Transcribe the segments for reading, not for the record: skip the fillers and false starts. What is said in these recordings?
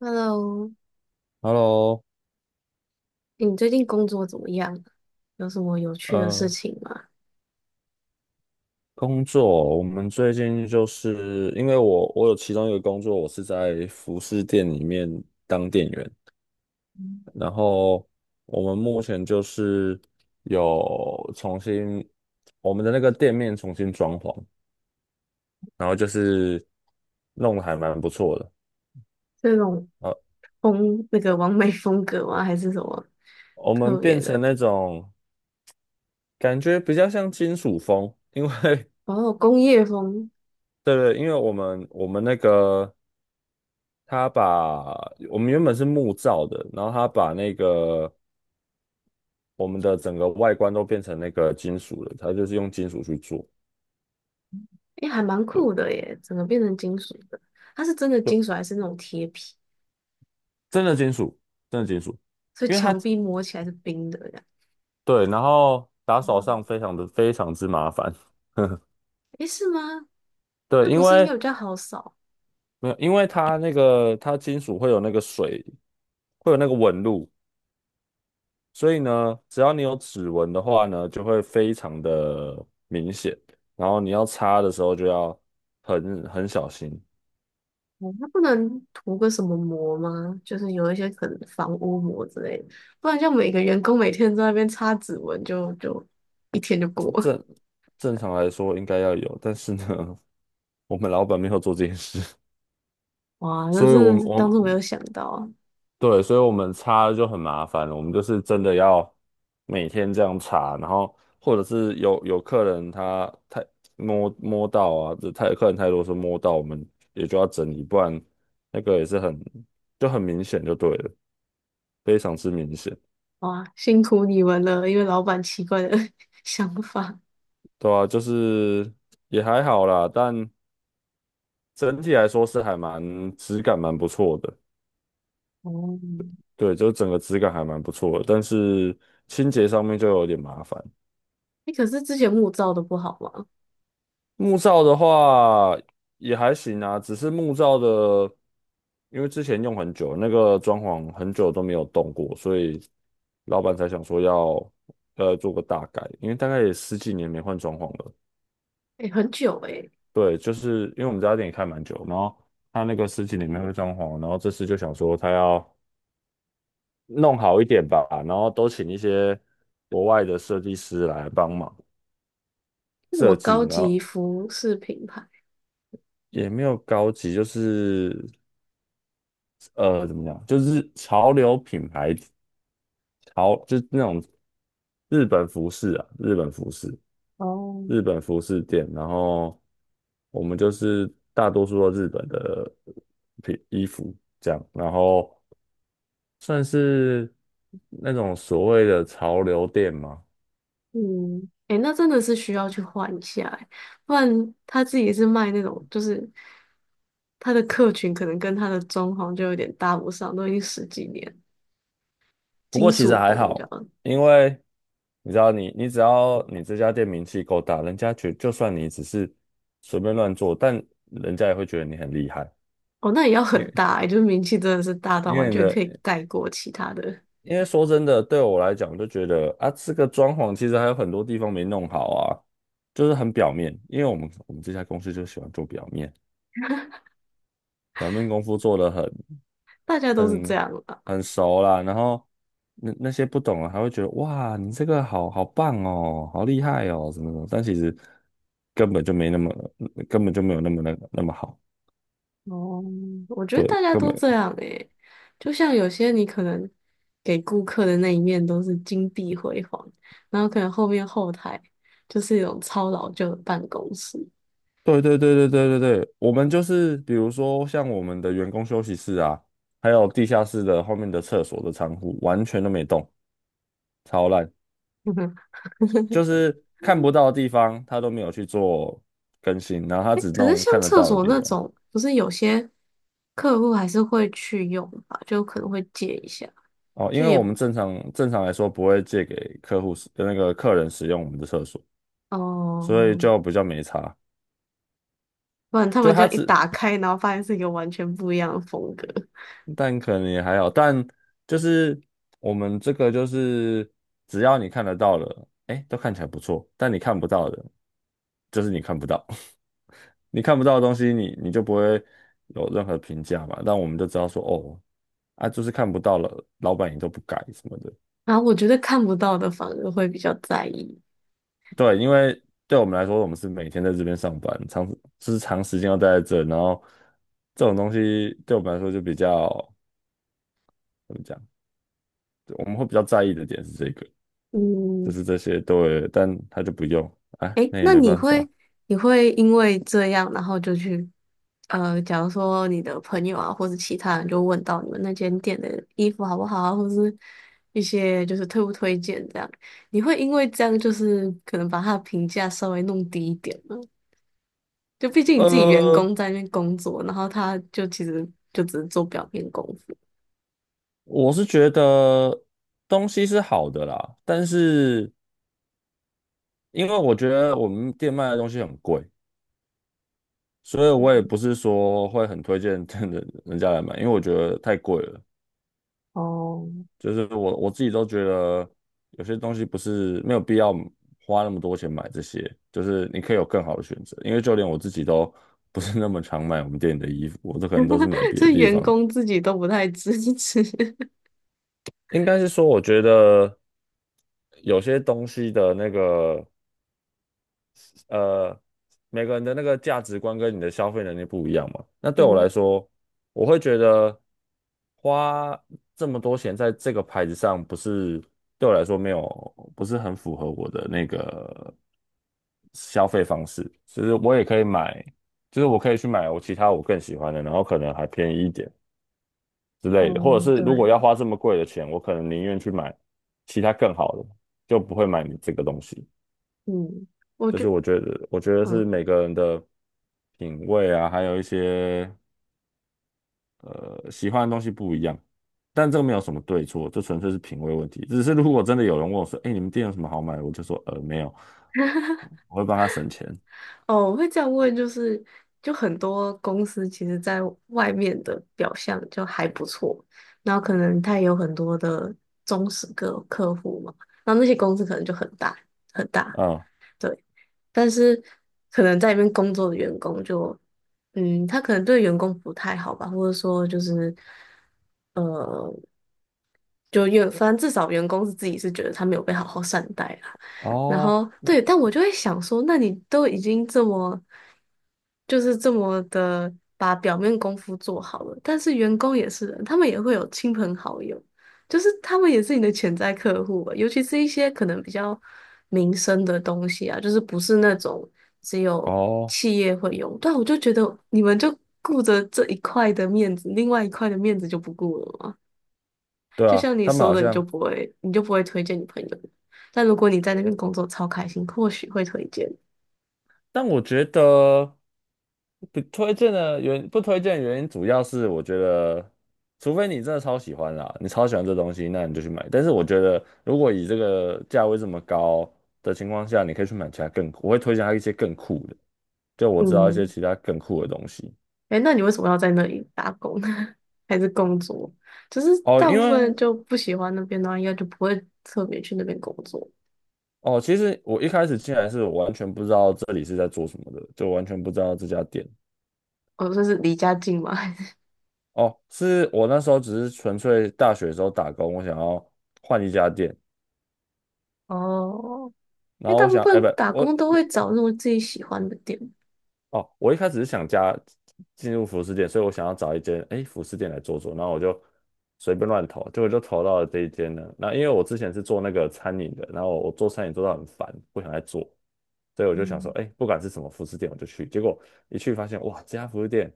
Hello，Hello，你最近工作怎么样？有什么有趣的事呃，情吗？工作，我们最近就是因为我有其中一个工作，我是在服饰店里面当店员，然后我们目前就是有重新我们的那个店面重新装潢，然后就是弄得还蛮不错的，这种呃，风，那个完美风格吗？还是什么我们特别变成的？那种感觉比较像金属风，因为 哦，工业风，对对，因为我们那个他把我们原本是木造的，然后他把那个我们的整个外观都变成那个金属了，他就是用金属去做，诶，还蛮对，酷的耶，整个变成金属的。它是真的金属就还是那种贴皮？真的金属，真的金属，所以因为它墙壁摸起来是冰的呀？对，然后打扫哦，上非常的非常之麻烦，诶，是吗？那对，因不是应该为比较好扫？没有，因为它那个它金属会有那个水，会有那个纹路，所以呢，只要你有指纹的话呢，就会非常的明显，然后你要擦的时候就要很小心。哦它不能涂个什么膜吗？就是有一些可能防污膜之类的，不然像每个员工每天在那边擦指纹就一天就过了。正正常来说应该要有，但是呢，我们老板没有做这件事，哇，那所以我真的们是我当们初没有想到啊！对，所以我们擦就很麻烦了。我们就是真的要每天这样擦，然后或者是有客人他太摸到啊，这太客人太多是摸到，我们也就要整理，不然那个也是很就很明显就对了，非常之明显。哇，辛苦你们了，因为老板奇怪的 想法。对啊，就是也还好啦，但整体来说是还蛮质感蛮不错的。哦，对，就整个质感还蛮不错的，但是清洁上面就有点麻烦。哎，可是之前木造的不好吗？木造的话也还行啊，只是木造的，因为之前用很久，那个装潢很久都没有动过，所以老板才想说要做个大改，因为大概也十几年没换装潢了。哎，很久哎，对，就是因为我们这家店也开蛮久，然后他那个十几年没换装潢，然后这次就想说他要弄好一点吧，然后都请一些国外的设计师来帮忙。那什么设计，高然级后服饰品牌？也没有高级，就是怎么讲，就是潮流品牌，潮就是那种日本服饰啊，日本服饰，哦，日本服饰店，然后我们就是大多数都日本的品衣服这样，然后算是那种所谓的潮流店嘛，嗯，诶，那真的是需要去换一下欸，不然他自己是卖那种，就是他的客群可能跟他的装潢就有点搭不上，都已经十几年，不金过其实属还风这好，样。因为你知道你，你只要你这家店名气够大，人家觉就算你只是随便乱做，但人家也会觉得你很厉害。哦，那也要因很为大欸，就是名气真的是大到因完为你全的，可以盖过其他的，因为说真的，对我来讲，我就觉得啊，这个装潢其实还有很多地方没弄好啊，就是很表面。因为我们这家公司就喜欢做表面，表面功夫做得很。大家都是这很样啦。很熟啦，然后那些不懂的还会觉得哇，你这个好棒哦，好厉害哦，什么什么，但其实根本就没那么，根本就没有那么那个那么好，哦，我觉得大对，家根都这本，样诶，就像有些你可能给顾客的那一面都是金碧辉煌，然后可能后面后台就是一种超老旧的办公室。对对对对对对对，我们就是比如说像我们的员工休息室啊，还有地下室的后面的厕所的仓库，完全都没动，超烂，嗯哼，就是看不到的地方他都没有去做更新，然后他诶只可是弄像看得厕到的所地那方。种，不是有些客户还是会去用吧？就可能会借一下，哦，因就为也我们正常来说不会借给客户使那个客人使用我们的厕所，所以哦、就比较没差。不然他就们这他样一只，打开，然后发现是一个完全不一样的风格，但可能也还好，但就是我们这个就是只要你看得到了，哎，都看起来不错，但你看不到的，就是你看不到，你看不到的东西你，你就不会有任何评价嘛。但我们就知道说，哦，啊，就是看不到了，老板也都不改什么的。然后我觉得看不到的反而会比较在意。对，因为对我们来说，我们是每天在这边上班，就是长时间要待在这，然后这种东西对我们来说就比较怎么讲，我们会比较在意的点是这个，就嗯，是这些对，但他就不用，哎，诶，那也那没你办会法。你会因为这样，然后就去，假如说你的朋友啊，或者其他人就问到你们那间店的衣服好不好啊，或是一些就是推不推荐这样，你会因为这样就是可能把他的评价稍微弄低一点吗？就毕竟你自己员呃，工在那边工作，然后他就其实就只是做表面功夫，我是觉得东西是好的啦，但是因为我觉得我们店卖的东西很贵，所以我也嗯不是说会很推荐 的人家来买，因为我觉得太贵了。哦，就是我自己都觉得有些东西不是没有必要花那么多钱买这些，就是你可以有更好的选择。因为就连我自己都不是那么常买我们店里的衣服，我都可能都是买 别所的以地员方。工自己都不太支持。应该是说，我觉得有些东西的那个。呃，每个人的那个价值观跟你的消费能力不一样嘛。那对我来嗯，说，我会觉得花这么多钱在这个牌子上，不是对我来说没有，不是很符合我的那个消费方式。就是我也可以买，就是我可以去买我其他我更喜欢的，然后可能还便宜一点之类的。或者哦，是对，如果要花这么贵的钱，我可能宁愿去买其他更好的，就不会买你这个东西。嗯，我就是觉我觉得，我觉得是嗯。每个人的品味啊，还有一些喜欢的东西不一样，但这个没有什么对错，这纯粹是品味问题。只是如果真的有人问我说：“哎，你们店有什么好买的？”我就说：“呃，没有。”我会帮他省钱。哦，我会这样问，就是就很多公司其实在外面的表象就还不错，然后可能他也有很多的忠实客户嘛，然后那些公司可能就很大，嗯，对，但是可能在里面工作的员工就，嗯，他可能对员工不太好吧，或者说就是。呃。就员，反正至少员工是自己是觉得他没有被好好善待啦。然哦后对，但我就会想说，那你都已经这么，就是这么的把表面功夫做好了，但是员工也是人，他们也会有亲朋好友，就是他们也是你的潜在客户吧，尤其是一些可能比较民生的东西啊，就是不是那种只有哦，企业会用。但我就觉得你们就顾着这一块的面子，另外一块的面子就不顾了嘛。对就啊，像你他们说好的，像你就不会推荐你朋友。但如果你在那边工作超开心，或许会推荐。但我觉得不推荐的原因，主要是我觉得，除非你真的超喜欢啦，你超喜欢这东西，那你就去买。但是我觉得，如果以这个价位这么高的情况下，你可以去买其他更，我会推荐它一些更酷的，就我知道一些嗯，其他更酷的东西。哎，那你为什么要在那里打工呢？还是工作？就是哦，大部分人就不喜欢那边的话，应该就不会特别去那边工作。哦，其实我一开始进来是我完全不知道这里是在做什么的，就完全不知道这家店。哦，这是离家近吗？还是哦，是我那时候只是纯粹大学的时候打工，我想要换一家店，哦，因然为后大我部想，哎，不，分打工都我会找那种自己喜欢的店。哦，我一开始是想进入服饰店，所以我想要找一间哎服饰店来做做，然后我就随便乱投，结果就投到了这一间呢。那因为我之前是做那个餐饮的，然后我做餐饮做到很烦，不想再做，所以我就想说，嗯哎，不管是什么服饰店，我就去。结果一去发现，哇，这家服饰店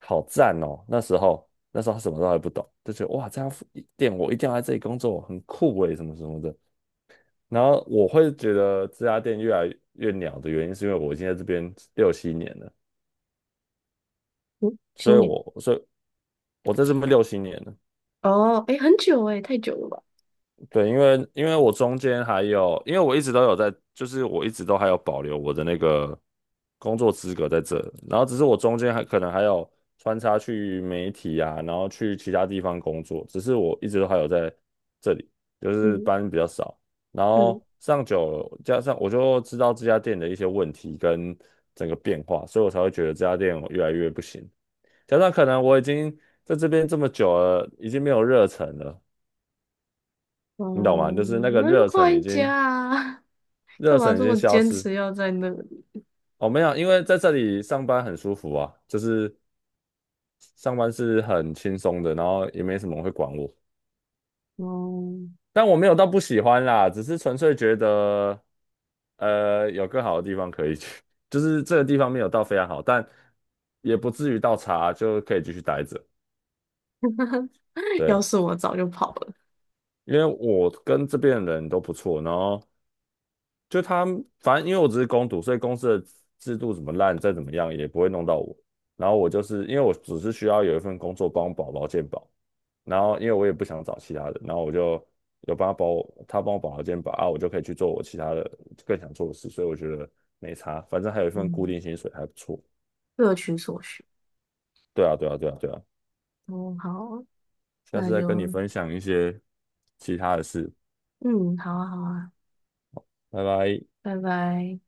好赞哦！那时候什么都还不懂，就觉得哇，这家服店我一定要来这里工作，很酷诶，什么什么的。然后我会觉得这家店越来越鸟的原因，是因为我已经在这边六七年了，嗯，新年所以我在这边六七年了，哦，哎，很久哎，太久了吧？对，因为我中间还有，因为我一直都有在，就是我一直都还有保留我的那个工作资格在这，然后只是我中间还可能还有穿插去媒体啊，然后去其他地方工作，只是我一直都还有在这里，就是嗯班比较少，然嗯，后上久了，加上我就知道这家店的一些问题跟整个变化，所以我才会觉得这家店我越来越不行，加上可能我已经在这边这么久了，已经没有热忱了。你懂吗？哦，就是那个那就热忱换已一家经啊干嘛这么消坚失。持要在那里？哦，没有，因为在这里上班很舒服啊，就是上班是很轻松的，然后也没什么人会管我。哦，但我没有到不喜欢啦，只是纯粹觉得，有更好的地方可以去，就是这个地方没有到非常好，但也不至于到差，就可以继续待着。要对，是我早就跑了。因为我跟这边的人都不错，然后就他们反正因为我只是工读，所以公司的制度怎么烂，再怎么样也不会弄到我。然后我就是因为我只是需要有一份工作帮我保劳健保，然后因为我也不想找其他的，然后我就有帮他保我，他帮我保劳健保啊，我就可以去做我其他的更想做的事，所以我觉得没差，反正还有一份固嗯，定薪水还不错。各取所需。对啊，对啊，对啊，对啊，哦，好啊，下那次再跟你就分享一些其他的事，嗯，好啊，好啊，拜拜。拜拜。